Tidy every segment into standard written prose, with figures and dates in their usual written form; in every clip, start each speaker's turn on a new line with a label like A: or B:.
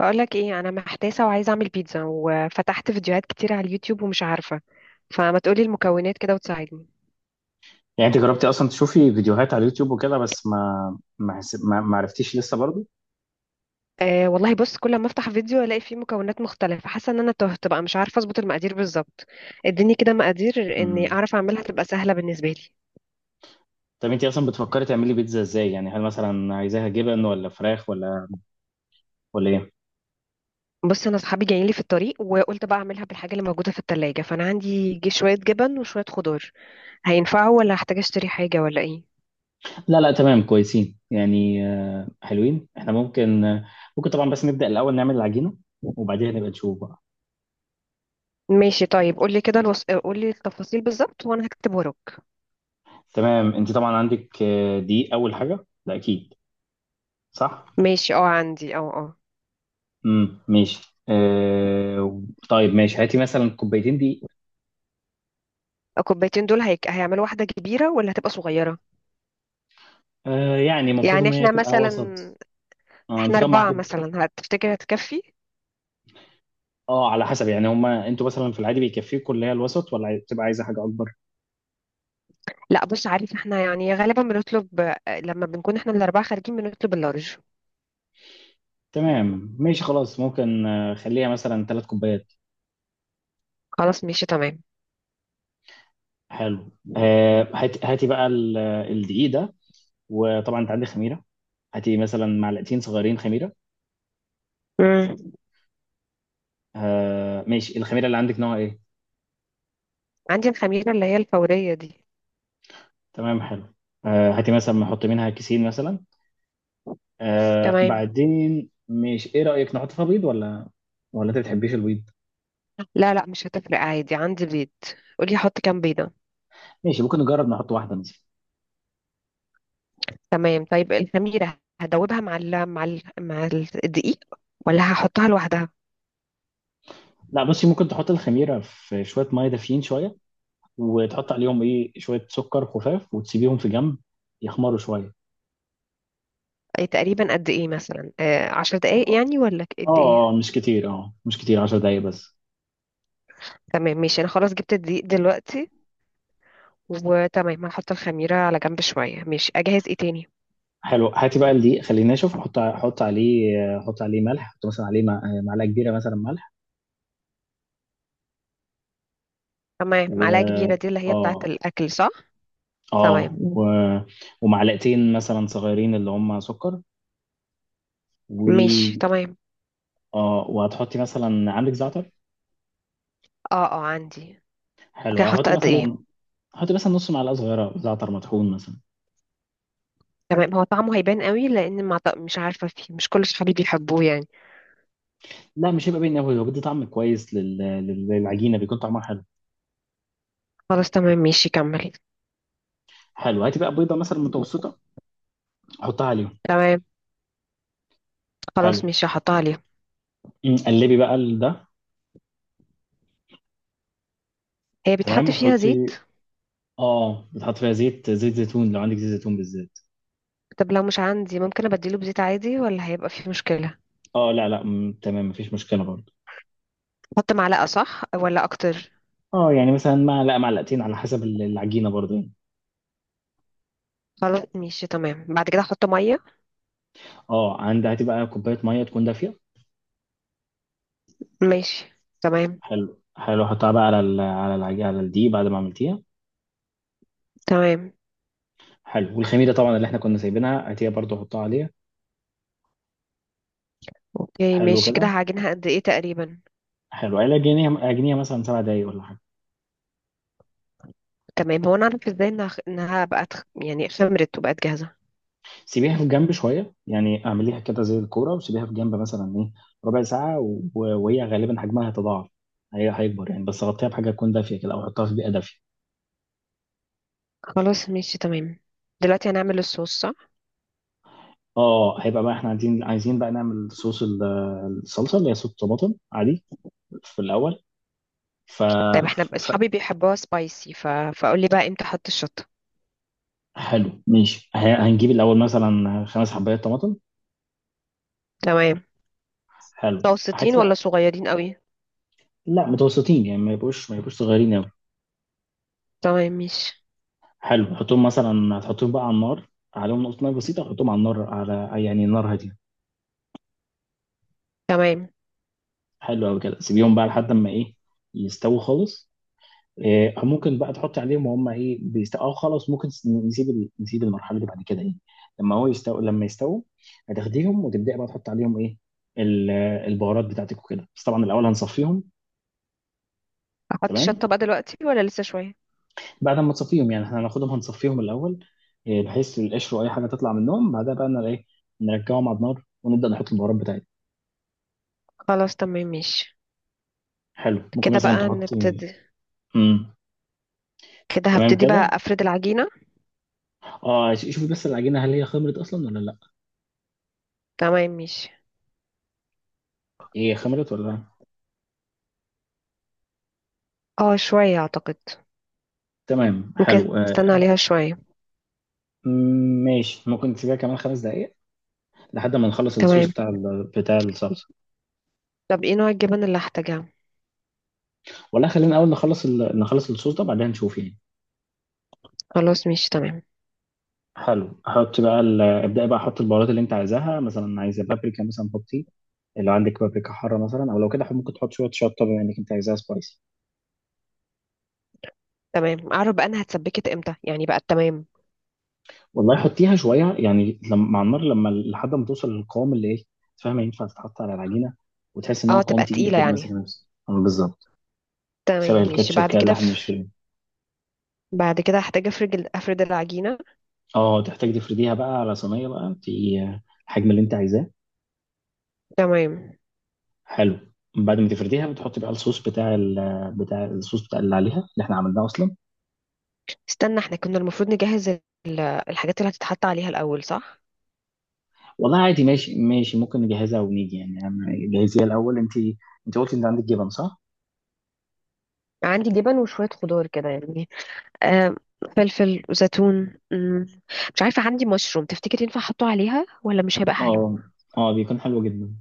A: بقولك ايه، انا محتاسه وعايزه اعمل بيتزا وفتحت فيديوهات كتير على اليوتيوب ومش عارفه، فما تقولي المكونات كده وتساعدني.
B: يعني انت جربتي اصلا تشوفي فيديوهات على اليوتيوب وكده بس ما ما حس- ما ما عرفتيش لسه برضو.
A: أه والله بص، كل ما افتح فيديو الاقي فيه مكونات مختلفه، حاسه ان انا تهت بقى مش عارفه اظبط المقادير بالظبط. اديني كده مقادير اني
B: امم
A: اعرف اعملها تبقى سهله بالنسبه لي.
B: طب انت اصلا بتفكري تعملي بيتزا ازاي؟ يعني هل مثلا عايزاها جبن ولا فراخ ولا ايه؟
A: بص انا اصحابي جايين لي في الطريق، وقلت بقى اعملها بالحاجه اللي موجوده في التلاجة، فانا عندي شويه جبن وشويه خضار، هينفعوا ولا هحتاج اشتري حاجه ولا ايه؟
B: لا لا تمام كويسين. يعني حلوين، احنا ممكن، ممكن طبعا، بس نبدأ الاول نعمل العجينة وبعدين نبقى نشوف بقى.
A: ماشي. طيب قولي كده قولي التفاصيل بالظبط وانا هكتب وراك.
B: تمام، انت طبعا عندك، دي اول حاجة ده اكيد صح.
A: ماشي اه، عندي اه اه.
B: ماشي. طيب ماشي، هاتي مثلا كوبايتين دي.
A: الكوبايتين دول هيك هيعملوا واحدة كبيرة ولا هتبقى صغيرة؟
B: يعني المفروض
A: يعني
B: ان هي
A: احنا
B: تبقى
A: مثلا.
B: وسط.
A: احنا
B: انتوا كام
A: أربعة
B: واحد؟
A: مثلا، هتفتكر هتكفي؟
B: اه على حسب، يعني هما انتوا مثلا في العادي بيكفيكوا اللي هي الوسط، ولا بتبقى عايزه حاجه اكبر؟
A: لا بص، عارف احنا يعني غالبا بنطلب، لما بنكون احنا الأربعة خارجين بنطلب اللارج.
B: تمام ماشي خلاص، ممكن، خليها مثلا ثلاث كوبايات.
A: خلاص ماشي تمام.
B: حلو هاتي بقى الدقيق ده. وطبعا انت عندك خميره، هاتي مثلا معلقتين صغيرين خميره.
A: مم.
B: ماشي، الخميره اللي عندك نوع ايه؟
A: عندي الخميرة اللي هي الفورية دي.
B: تمام حلو. هاتي مثلا نحط منها كيسين مثلا.
A: تمام.
B: بعدين ماشي، ايه رايك نحط فيها بيض ولا انت بتحبيش البيض؟
A: لا لا، مش هتفرق، عادي عندي بيض. قولي حط كام بيضة.
B: ماشي ممكن نجرب نحط واحده مثلا.
A: تمام. طيب الخميرة هدوبها مع الدقيق ولا هحطها لوحدها؟
B: لا بصي، ممكن تحط الخميره في شويه ميه دافيين شويه، وتحط عليهم ايه شويه سكر خفاف، وتسيبيهم في جنب يخمروا شويه.
A: أي تقريبا قد ايه مثلا، 10 دقايق يعني ولا قد
B: اه اه
A: ايه؟
B: مش كتير، اه مش كتير، 10 دقايق بس.
A: تمام ماشي، انا خلاص جبت الدقيق دلوقتي، وتمام هحط الخميرة على جنب شوية. ماشي، اجهز ايه تاني؟
B: حلو هاتي بقى الدقيق خليه ناشف، حط عليه، حط عليه ملح، حط مثلا عليه معلقه كبيره مثلا ملح.
A: تمام،
B: و
A: معلقة كبيرة دي اللي هي بتاعة
B: اه
A: الاكل، صح؟
B: اه
A: تمام.
B: و... ومعلقتين مثلا صغيرين اللي هم سكر.
A: ماشي
B: و
A: تمام.
B: اه وهتحطي مثلا عندك زعتر؟
A: اه اه عندي.
B: حلو
A: اوكي هحط
B: هتحطي
A: قد ايه؟
B: مثلا، حطي مثلا نص معلقه صغيره زعتر مطحون مثلا.
A: تمام. هو طعمه هيبان قوي لان ما مش عارفة، فيه مش كل صحابي بيحبوه يعني.
B: لا مش هيبقى باين قوي، هو بيدي طعم كويس للعجينه بيكون طعمها حلو.
A: خلاص تمام ماشي، كملي.
B: حلو هاتي بقى بيضه مثلا متوسطه، حطها عليهم.
A: تمام.
B: حلو.
A: خلاص ماشي هحطها عليها.
B: قلبي بقى ده.
A: هي
B: تمام
A: بيتحط فيها زيت؟
B: وحطي، اه بتحط فيها زيت زيتون لو عندك زيت زيتون بالذات.
A: طب لو مش عندي ممكن ابدله بزيت عادي ولا هيبقى فيه مشكلة؟
B: اه لا لا تمام مفيش مشكله برضه.
A: احط معلقة صح ولا اكتر؟
B: اه يعني مثلا معلقه معلقتين على حسب العجينه برضه يعني.
A: خلاص ماشي تمام، بعد كده احط مية.
B: اه عندي، هاتي بقى كوبايه ميه تكون دافيه.
A: ماشي تمام.
B: حلو حلو، حطها بقى على على العجينه على الدقيق بعد ما عملتيها.
A: تمام.
B: حلو، والخميره طبعا اللي احنا كنا سايبينها هاتيها برضه حطها عليها.
A: اوكي
B: حلو
A: ماشي، كده
B: كده.
A: هعجنها قد ايه تقريبا؟
B: حلو على جنيه جنيه مثلا سبع دقايق ولا حاجه.
A: تمام. هو انا اعرف ازاي انها يعني خمرت وبقت جاهزة؟
B: سيبيها في جنب شويه يعني، اعمليها كده زي الكوره وسيبيها في جنب مثلا ايه ربع ساعه. وهي غالبا حجمها هيتضاعف، هي هيكبر يعني، بس غطيها بحاجه تكون دافيه كده او حطها في بيئه دافيه.
A: خلاص ماشي تمام. دلوقتي هنعمل الصوص، صح؟
B: اه. هيبقى بقى احنا عايزين بقى نعمل صوص الصلصه اللي هي صوص طماطم عادي في الاول. ف...
A: طيب
B: ف...
A: اصحابي بيحبوها سبايسي ف... فقولي بقى امتى احط الشطة.
B: حلو ماشي هنجيب الاول مثلا خمس حبايات طماطم.
A: تمام.
B: حلو
A: متوسطين
B: هاتي
A: ولا
B: بقى،
A: صغيرين قوي؟
B: لا متوسطين، يعني ما يبقوش صغيرين.
A: تمام ماشي.
B: حلو حطهم مثلا، هتحطهم بقى على النار، عليهم نقطة نار بسيطة، حطهم على النار على يعني نار هادية.
A: تمام.
B: حلو أوي كده، سيبيهم بقى لحد ما إيه يستووا خالص. إيه ممكن بقى تحطي عليهم وهم إيه بيستووا، أو خلاص ممكن نسيب المرحلة دي، بعد كده إيه لما هو يستوي لما يستووا هتاخديهم وتبدأي بقى تحطي عليهم إيه ال- البهارات بتاعتك وكده، بس طبعا الأول هنصفيهم.
A: احط
B: تمام،
A: شطة بقى دلوقتي ولا لسه شوية؟
B: بعد ما تصفيهم، يعني إحنا هناخدهم هنصفيهم الأول إيه، بحيث القشر وأي حاجة تطلع منهم، بعدها بقى إيه نرجعهم على النار ونبدأ نحط البهارات بتاعتنا.
A: خلاص تمام ماشي.
B: حلو ممكن
A: كده
B: مثلا
A: بقى
B: تحطي.
A: نبتدي.
B: امم
A: كده
B: تمام
A: هبتدي
B: كده.
A: بقى افرد العجينة.
B: اه شوفي بس العجينه، هل هي خمرت اصلا ولا لا؟
A: تمام ماشي.
B: هي خمرت ولا لا؟
A: اه شوية اعتقد.
B: تمام
A: ممكن
B: حلو
A: استنى
B: آه.
A: عليها شوية.
B: مم، ماشي، ممكن تسيبيها كمان خمس دقائق لحد ما نخلص الصوص
A: تمام.
B: بتاع بتاع الصلصه.
A: طب ايه نوع الجبن اللي هحتاجها؟
B: ولا خلينا اول نخلص الصوص ده بعدين نشوف يعني.
A: خلاص مش تمام.
B: حلو حط بقى ابدأي بقى حط البهارات اللي انت عايزاها، مثلا عايزه بابريكا مثلا حطي، لو عندك بابريكا حاره مثلا، او لو كده ممكن تحط شويه شطه بما انك انت عايزاها سبايسي.
A: تمام، اعرف بقى انا هتسبكت امتى يعني بقى؟ تمام.
B: والله حطيها شويه يعني لما مع النار لما لحد ما توصل للقوام اللي ايه، فاهمه ينفع تتحط على العجينه، وتحس ان هو
A: اه
B: قوام
A: تبقى
B: تقيل
A: تقيلة
B: كده ماسك
A: يعني.
B: نفسه، بالظبط،
A: تمام،
B: شبه
A: مش
B: الكاتشب
A: بعد
B: كده اللي
A: كده
B: احنا
A: في...
B: بنشتريه.
A: بعد كده هحتاج افرد افرد العجينة.
B: اه تحتاج تفرديها بقى على صينيه بقى، انت الحجم اللي انت عايزاه.
A: تمام.
B: حلو. بعد ما تفرديها بتحط بقى الصوص بتاع ال بتاع الصوص بتاع اللي عليها، اللي احنا عملناه اصلا.
A: استنى، احنا كنا المفروض نجهز الحاجات اللي هتتحط عليها الاول، صح؟
B: والله عادي، ماشي ماشي، ممكن نجهزها ونيجي يعني، جهزيها الاول انت. انت قلتي ان عندك جبن صح؟
A: عندي جبن وشوية خضار كده يعني. آم، فلفل وزيتون. مش عارفة، عندي مشروم، تفتكر ينفع احطه عليها ولا مش هيبقى حلو؟
B: اه اه، بيكون حلو جدا.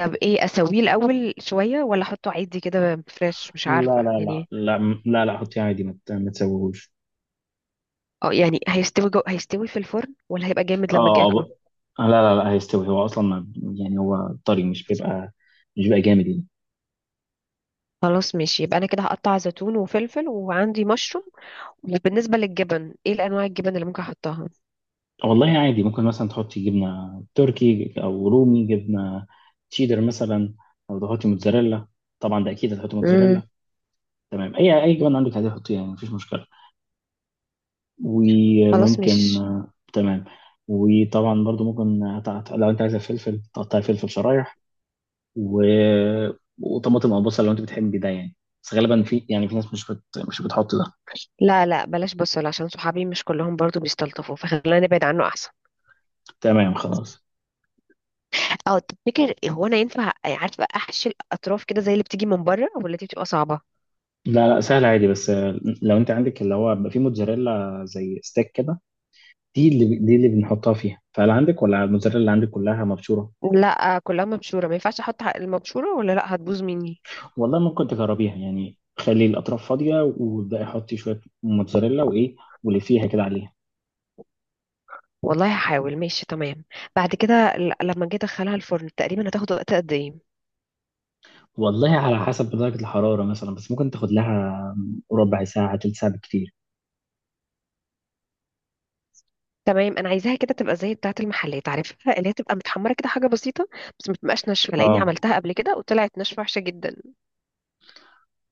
A: طب ايه، اسويه الاول شوية ولا احطه عادي كده فريش، مش
B: لا
A: عارفة
B: لا لا
A: يعني.
B: لا لا لا، حطيه عادي ما تسويهوش.
A: اه يعني هيستوي هيستوي في الفرن ولا هيبقى جامد لما اجي
B: اه
A: اكله؟
B: لا لا لا هيستوي هو اصلا، ما، يعني هو طري، مش بيبقى جامد يعني.
A: خلاص ماشي، يبقى انا كده هقطع زيتون وفلفل، وعندي مشروم. بالنسبه للجبن، ايه الانواع الجبن اللي ممكن احطها؟
B: والله عادي ممكن مثلا تحطي جبنه تركي او رومي، جبنه تشيدر مثلا، او تحطي موتزاريلا، طبعا ده اكيد هتحطي
A: امم
B: موتزاريلا. تمام، اي جبنه عندك هتحطيها يعني مفيش مشكله.
A: خلاص
B: وممكن
A: مش
B: تمام. وطبعا برضو ممكن لو انت عايزه فلفل تقطعي فلفل شرايح، و... وطماطم او بصل لو انت بتحب ده يعني، بس غالبا في يعني في ناس مش بتحط ده.
A: لا لا، بلاش بصل، عشان صحابي مش كلهم برضو بيستلطفوا، فخلينا نبعد عنه احسن.
B: تمام خلاص.
A: اه تفتكر هو انا ينفع عارفه احشي الاطراف كده زي اللي بتيجي من بره، ولا دي بتبقى صعبه؟
B: لا لا، سهل عادي، بس لو انت عندك اللي هو بيبقى في موتزاريلا زي ستيك كده، دي اللي بنحطها فيها، فهل عندك، ولا الموتزاريلا اللي عندك كلها مبشوره؟
A: لا كلها مبشوره، ما ينفعش احط المبشوره ولا لا هتبوظ مني؟
B: والله ممكن تجربيها يعني، خلي الاطراف فاضيه وابداي حطي شويه موتزاريلا وايه واللي فيها كده عليها.
A: والله هحاول، ماشي تمام. بعد كده لما جيت ادخلها الفرن تقريبا هتاخد وقت قد ايه؟
B: والله على حسب درجه الحراره مثلا، بس ممكن تاخد لها ربع ساعه تلت ساعه بالكتير.
A: تمام، انا عايزاها كده تبقى زي بتاعه المحلات، عارفها اللي هي تبقى متحمره كده حاجه بسيطه، بس ما تبقاش ناشفه، لاني
B: اه
A: عملتها قبل كده وطلعت ناشفه وحشه جدا.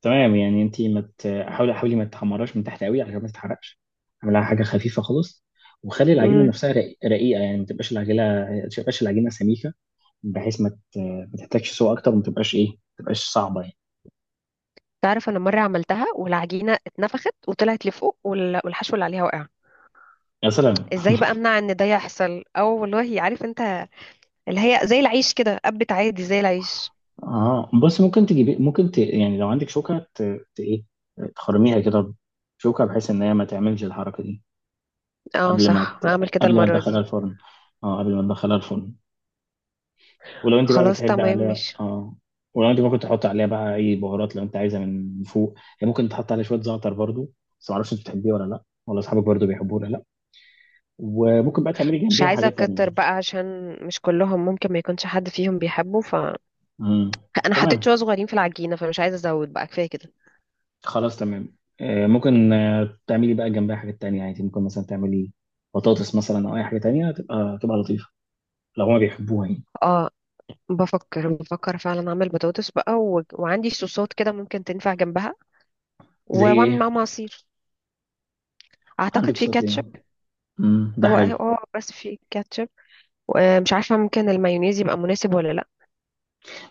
B: تمام، يعني انت، ما مت... حاولي حاولي ما تحمراش من تحت قوي عشان ما تتحرقش، اعملها حاجه خفيفه خالص، وخلي العجينه
A: امم
B: نفسها رقيقه يعني، ما تبقاش العجينه سميكه، بحيث ما تحتاجش سوء اكتر، وما تبقاش ايه ما تبقاش صعبه يعني.
A: تعرف انا مره عملتها والعجينه اتنفخت وطلعت لفوق، والحشو اللي عليها وقع.
B: يا سلام.
A: ازاي بقى امنع ان ده يحصل؟ او والله عارف انت، اللي هي زي العيش كده، قبت عادي زي العيش.
B: اه بص ممكن تجيبي، ممكن ت... يعني لو عندك شوكه ت... ت... ايه تخرميها كده بشوكه، بحيث ان هي ما تعملش الحركه دي،
A: اه
B: قبل ما
A: صح،
B: ت...
A: هعمل كده
B: قبل ما
A: المره
B: تدخلها
A: دي.
B: الفرن. اه قبل ما تدخلها الفرن. ولو انت بقى
A: خلاص
B: بتحبي
A: تمام
B: عليها
A: مش
B: اه. ولو انت ممكن تحط عليها بقى اي بهارات لو انت عايزه من فوق. هي ممكن تحط عليها شويه زعتر برضو، بس ما اعرفش انت بتحبيه ولا لا، ولا اصحابك برضو بيحبوه ولا لا. وممكن بقى تعملي
A: مش
B: جنبيها
A: عايزه
B: حاجات تانية.
A: اكتر بقى، عشان مش كلهم ممكن، ما يكونش حد فيهم بيحبه، فانا
B: امم
A: حطيت شويه
B: تمام.
A: صغيرين في العجينه، فمش عايزه ازود بقى، كفايه كده.
B: خلاص تمام، ممكن، تعملي بقى جنبها حاجات تانية يعني، ممكن مثلا تعملي بطاطس مثلا او اي حاجه تانية تبقى تبقى لطيفه لو هما بيحبوها يعني.
A: اه، بفكر فعلا اعمل بطاطس بقى و... وعندي صوصات كده ممكن تنفع جنبها،
B: زي
A: واعمل
B: ايه؟
A: معاهم عصير. اعتقد
B: عندك
A: في كاتشب.
B: صوتين. ده
A: هو اه،
B: حلو.
A: بس في كاتشب. مش عارفه، ممكن المايونيز يبقى مناسب ولا لا؟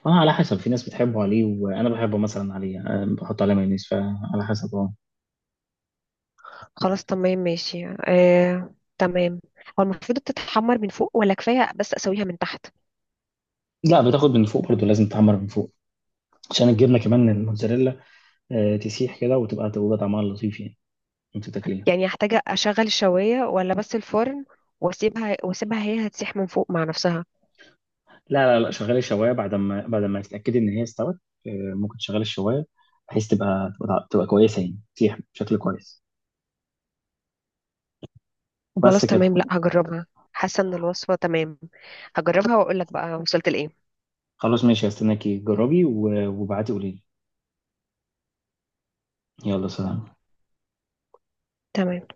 B: اه على حسب، في ناس بتحبه عليه، وانا بحبه مثلا عليه، بحط عليه مايونيز، فعلى حسب اه.
A: خلاص تمام ماشي، تمام. هو المفروض تتحمر من فوق، ولا كفايه بس اسويها من تحت؟
B: لا بتاخد من فوق برضه، لازم تحمر من فوق عشان الجبنه كمان الموتزاريلا تسيح كده وتبقى تبقى طعمها لطيف يعني وانت تاكليها.
A: يعني هحتاج اشغل الشوايه ولا بس الفرن؟ واسيبها هي هتسيح من فوق مع نفسها؟
B: لا لا لا شغلي الشوايه بعد ما تتاكدي ان هي استوت. ممكن تشغلي الشوايه بحيث تبقى كويسه يعني تسيح بشكل كويس، وبس
A: خلاص
B: كده.
A: تمام، لا هجربها. حاسه ان الوصفه تمام. هجربها واقول لك بقى وصلت لايه.
B: خلاص ماشي هستناكي، جربي وابعتي قولي لي. يلا سلام.
A: تمام.